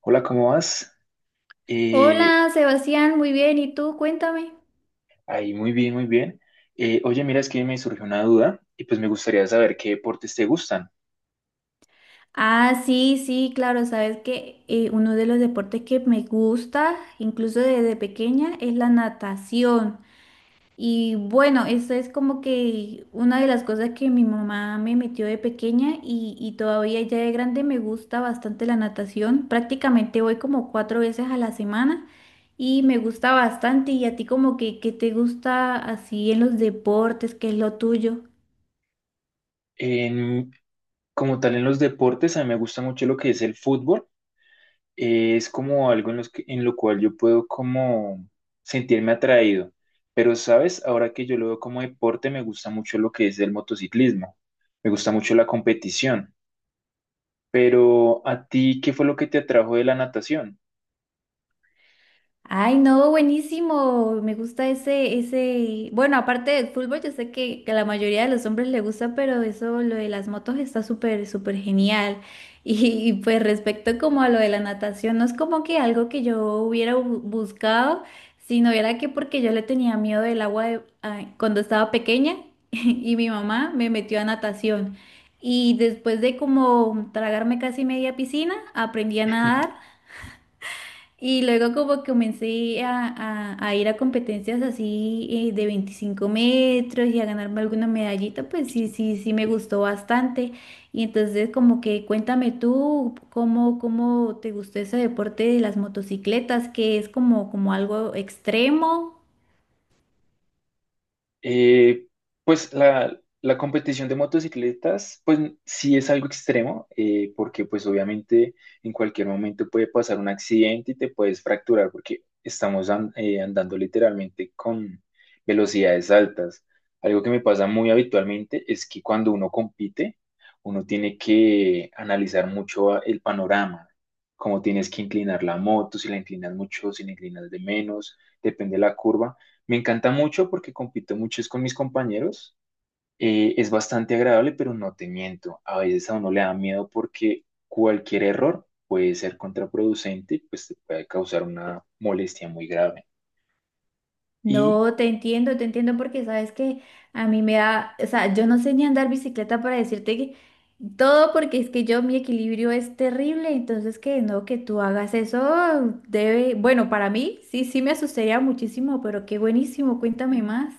Hola, ¿cómo vas? Eh, Hola, Sebastián, muy bien. ¿Y tú? Cuéntame. Ahí, muy bien, muy bien. Oye, mira, es que me surgió una duda y pues me gustaría saber qué deportes te gustan. Ah, sí, sí, claro. Sabes que uno de los deportes que me gusta, incluso desde pequeña, es la natación. Y bueno, eso es como que una de las cosas que mi mamá me metió de pequeña y todavía ya de grande me gusta bastante la natación. Prácticamente voy como cuatro veces a la semana y me gusta bastante. ¿Y a ti como que qué te gusta así en los deportes? ¿Qué es lo tuyo? En- Como tal, en los deportes, a mí me gusta mucho lo que es el fútbol. Es como algo en lo cual yo puedo como sentirme atraído. Pero, ¿sabes? Ahora que yo lo veo como deporte, me gusta mucho lo que es el motociclismo. Me gusta mucho la competición. Pero, ¿a ti qué fue lo que te atrajo de la natación? Ay, no, buenísimo. Me gusta ese, ese. Bueno, aparte del fútbol, yo sé que la mayoría de los hombres le gusta, pero eso, lo de las motos está súper, súper genial. Pues respecto como a lo de la natación, no es como que algo que yo hubiera buscado, sino era que porque yo le tenía miedo del agua ay, cuando estaba pequeña y mi mamá me metió a natación. Y después de como tragarme casi media piscina, aprendí a nadar. Y luego como comencé a ir a competencias así de 25 m y a ganarme alguna medallita, pues sí, sí, sí me gustó bastante. Y entonces como que cuéntame tú cómo te gustó ese deporte de las motocicletas, que es como, como algo extremo. Eh, pues la competición de motocicletas, pues sí es algo extremo, porque pues obviamente en cualquier momento puede pasar un accidente y te puedes fracturar porque estamos andando literalmente con velocidades altas. Algo que me pasa muy habitualmente es que cuando uno compite, uno tiene que analizar mucho el panorama, cómo tienes que inclinar la moto, si la inclinas mucho, si la inclinas de menos, depende de la curva. Me encanta mucho porque compito mucho es con mis compañeros. Es bastante agradable, pero no te miento. A veces a uno le da miedo porque cualquier error puede ser contraproducente, pues te puede causar una molestia muy grave. Y No, te entiendo porque sabes que a mí me da, o sea, yo no sé ni andar bicicleta para decirte que todo porque es que yo mi equilibrio es terrible, entonces que no, que tú hagas eso debe, bueno, para mí sí, sí me asustaría muchísimo, pero qué buenísimo, cuéntame más.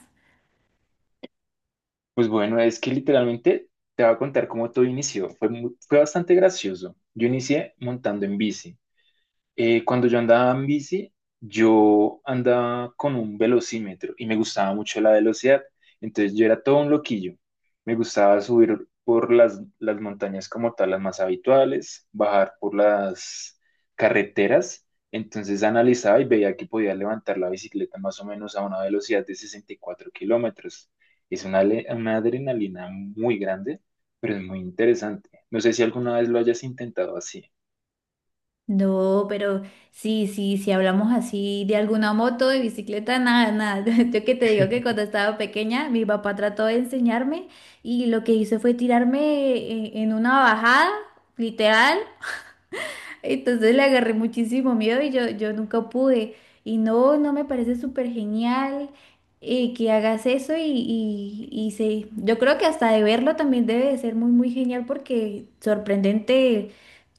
pues bueno, es que literalmente te voy a contar cómo todo inició. Fue bastante gracioso. Yo inicié montando en bici. Cuando yo andaba en bici, yo andaba con un velocímetro y me gustaba mucho la velocidad. Entonces yo era todo un loquillo. Me gustaba subir por las montañas como tal, las más habituales, bajar por las carreteras. Entonces analizaba y veía que podía levantar la bicicleta más o menos a una velocidad de 64 kilómetros. Es una adrenalina muy grande, pero es muy interesante. No sé si alguna vez lo hayas intentado así. No, pero sí, si hablamos así de alguna moto, de bicicleta, nada, nada. Yo que te digo que cuando estaba pequeña, mi papá trató de enseñarme y lo que hizo fue tirarme en una bajada, literal. Entonces le agarré muchísimo miedo y yo nunca pude. Y no, no me parece súper genial que hagas eso y sí, yo creo que hasta de verlo también debe de ser muy, muy genial porque sorprendente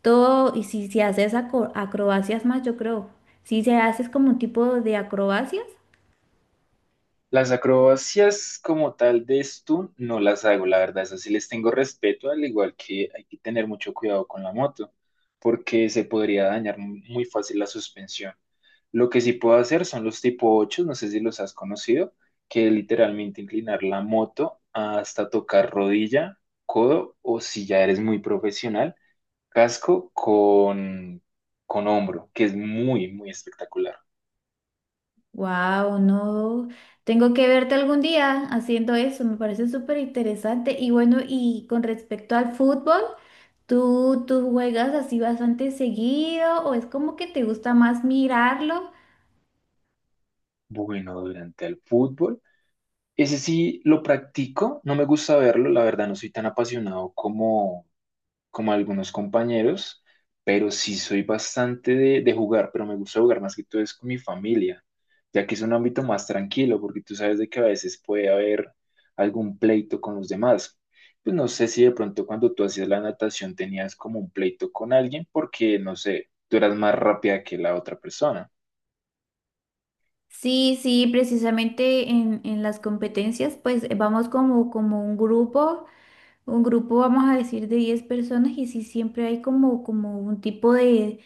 todo y si haces acrobacias más, yo creo, si se haces como un tipo de acrobacias, Las acrobacias como tal de esto no las hago, la verdad, esas sí les tengo respeto, al igual que hay que tener mucho cuidado con la moto, porque se podría dañar muy fácil la suspensión. Lo que sí puedo hacer son los tipo 8, no sé si los has conocido, que es literalmente inclinar la moto hasta tocar rodilla, codo, o si ya eres muy profesional, casco con hombro, que es muy, muy espectacular. wow, no, tengo que verte algún día haciendo eso, me parece súper interesante. Y bueno, y con respecto al fútbol. ¿Tú juegas así bastante seguido o es como que te gusta más mirarlo? Bueno, durante el fútbol. Ese sí lo practico, no me gusta verlo, la verdad no soy tan apasionado como, como algunos compañeros, pero sí soy bastante de jugar, pero me gusta jugar más que todo es con mi familia, ya que es un ámbito más tranquilo, porque tú sabes de que a veces puede haber algún pleito con los demás. Pues no sé si de pronto cuando tú hacías la natación tenías como un pleito con alguien, porque no sé, tú eras más rápida que la otra persona. Sí, sí, precisamente en las competencias pues vamos como un grupo vamos a decir de 10 personas y sí siempre hay como un tipo de,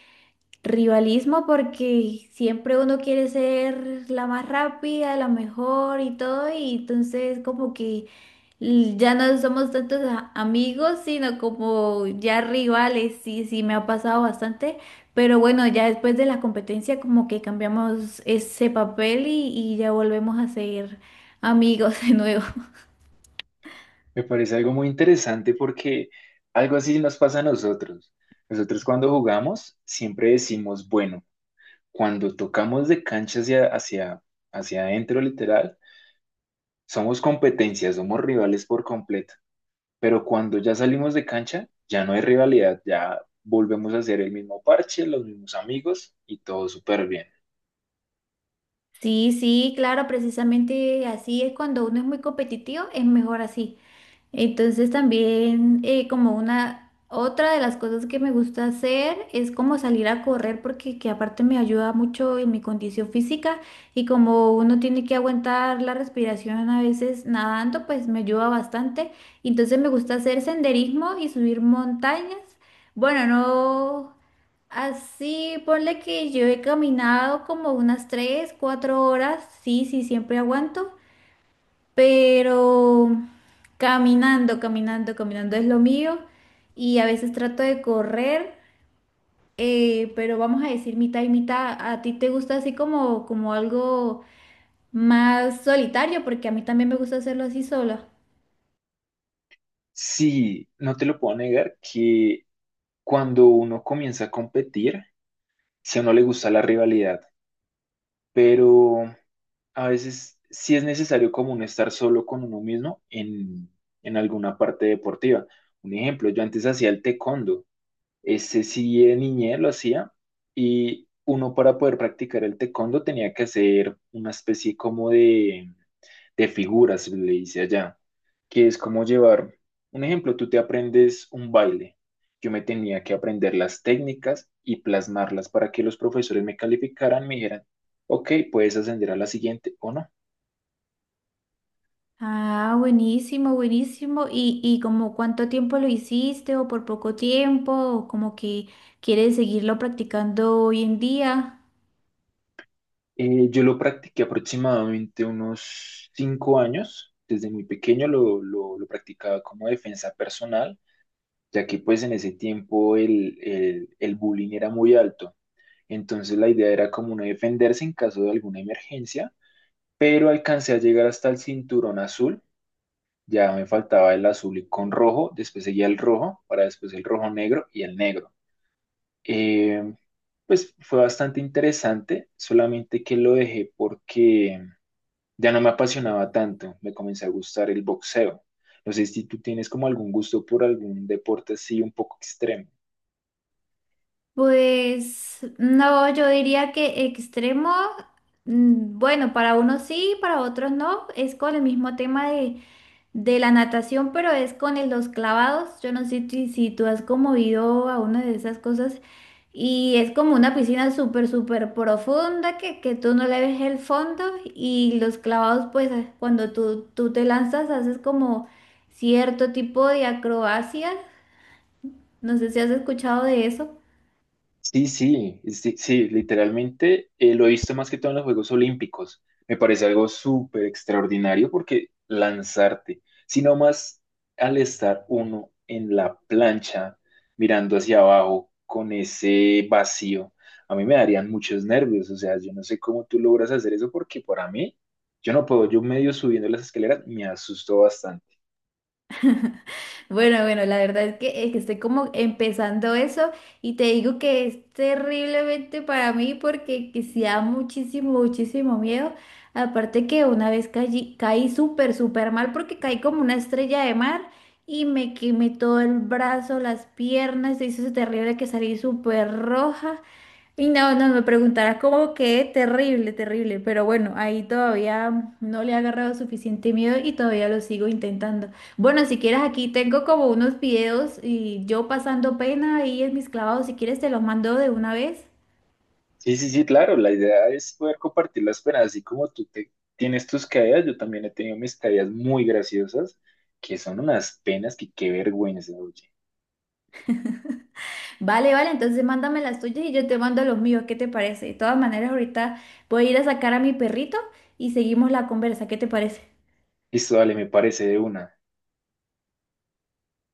rivalismo porque siempre uno quiere ser la más rápida, la mejor y todo, y entonces como que ya no somos tantos amigos, sino como ya rivales, sí, sí, me ha pasado bastante, pero bueno, ya después de la competencia como que cambiamos ese papel y ya volvemos a ser amigos de nuevo. Me parece algo muy interesante porque algo así nos pasa a nosotros. Nosotros cuando jugamos siempre decimos, bueno, cuando tocamos de cancha hacia adentro literal, somos competencia, somos rivales por completo. Pero cuando ya salimos de cancha, ya no hay rivalidad, ya volvemos a ser el mismo parche, los mismos amigos y todo súper bien. Sí, sí, claro, precisamente así es cuando uno es muy competitivo, es mejor así. Entonces también como una otra de las cosas que me gusta hacer es como salir a correr porque que aparte me ayuda mucho en mi condición física y como uno tiene que aguantar la respiración a veces nadando, pues me ayuda bastante. Entonces me gusta hacer senderismo y subir montañas. Bueno, no así, ponle que yo he caminado como unas 3 4 horas, sí, sí, siempre aguanto pero caminando, caminando, caminando es lo mío y a veces trato de correr, pero vamos a decir mitad y mitad. ¿A ti te gusta así como algo más solitario? Porque a mí también me gusta hacerlo así sola. Sí, no te lo puedo negar que cuando uno comienza a competir, si a uno le gusta la rivalidad, pero a veces sí es necesario como uno estar solo con uno mismo en alguna parte deportiva. Un ejemplo, yo antes hacía el taekwondo, ese sí de niñez lo hacía y uno para poder practicar el taekwondo tenía que hacer una especie como de figuras, le dice allá, que es como llevar, un ejemplo, tú te aprendes un baile. Yo me tenía que aprender las técnicas y plasmarlas para que los profesores me calificaran, me dijeran, ok, puedes ascender a la siguiente o no. Ah, buenísimo, buenísimo. ¿Y como cuánto tiempo lo hiciste o por poco tiempo o como que quieres seguirlo practicando hoy en día? Yo lo practiqué aproximadamente unos 5 años. Desde muy pequeño lo practicaba como defensa personal, ya que pues en ese tiempo el bullying era muy alto. Entonces la idea era como uno defenderse en caso de alguna emergencia, pero alcancé a llegar hasta el cinturón azul. Ya me faltaba el azul y con rojo, después seguía el rojo, para después el rojo negro y el negro. Eh, pues fue bastante interesante, solamente que lo dejé porque ya no me apasionaba tanto, me comenzó a gustar el boxeo. No sé si tú tienes como algún gusto por algún deporte así un poco extremo. Pues no, yo diría que extremo, mm, bueno, para unos sí, para otros no, es con el mismo tema de la natación, pero es con los clavados, yo no sé si tú has conmovido a una de esas cosas y es como una piscina súper, súper profunda que tú no le ves el fondo y los clavados, pues ah, cuando tú te lanzas haces como cierto tipo de acrobacias, no sé si has escuchado de eso. Sí, sí, sí, sí, literalmente lo he visto más que todo en los Juegos Olímpicos. Me parece algo súper extraordinario porque lanzarte, sino más al estar uno en la plancha mirando hacia abajo con ese vacío, a mí me darían muchos nervios. O sea, yo no sé cómo tú logras hacer eso porque para mí, yo no puedo, yo medio subiendo las escaleras me asusto bastante. Bueno, bueno, la verdad es que estoy como empezando eso y te digo que es terriblemente para mí porque que sí da muchísimo, muchísimo miedo. Aparte que una vez caí súper, súper mal porque caí como una estrella de mar y me quemé todo el brazo, las piernas, se hizo terrible que salí súper roja. Y no, no, me preguntarás como que terrible, terrible, pero bueno, ahí todavía no le he agarrado suficiente miedo y todavía lo sigo intentando. Bueno, si quieres aquí tengo como unos videos y yo pasando pena ahí en mis clavados, si quieres te los mando de una vez. Sí, sí, sí, claro, la idea es poder compartir las penas, así como tú tienes tus caídas, yo también he tenido mis caídas muy graciosas, que son unas penas que qué vergüenza, oye. Vale, vale, entonces mándame las tuyas y yo te mando los míos, ¿qué te parece? De todas maneras, ahorita voy a ir a sacar a mi perrito y seguimos la conversa, ¿qué te parece? Listo, dale, me parece de una.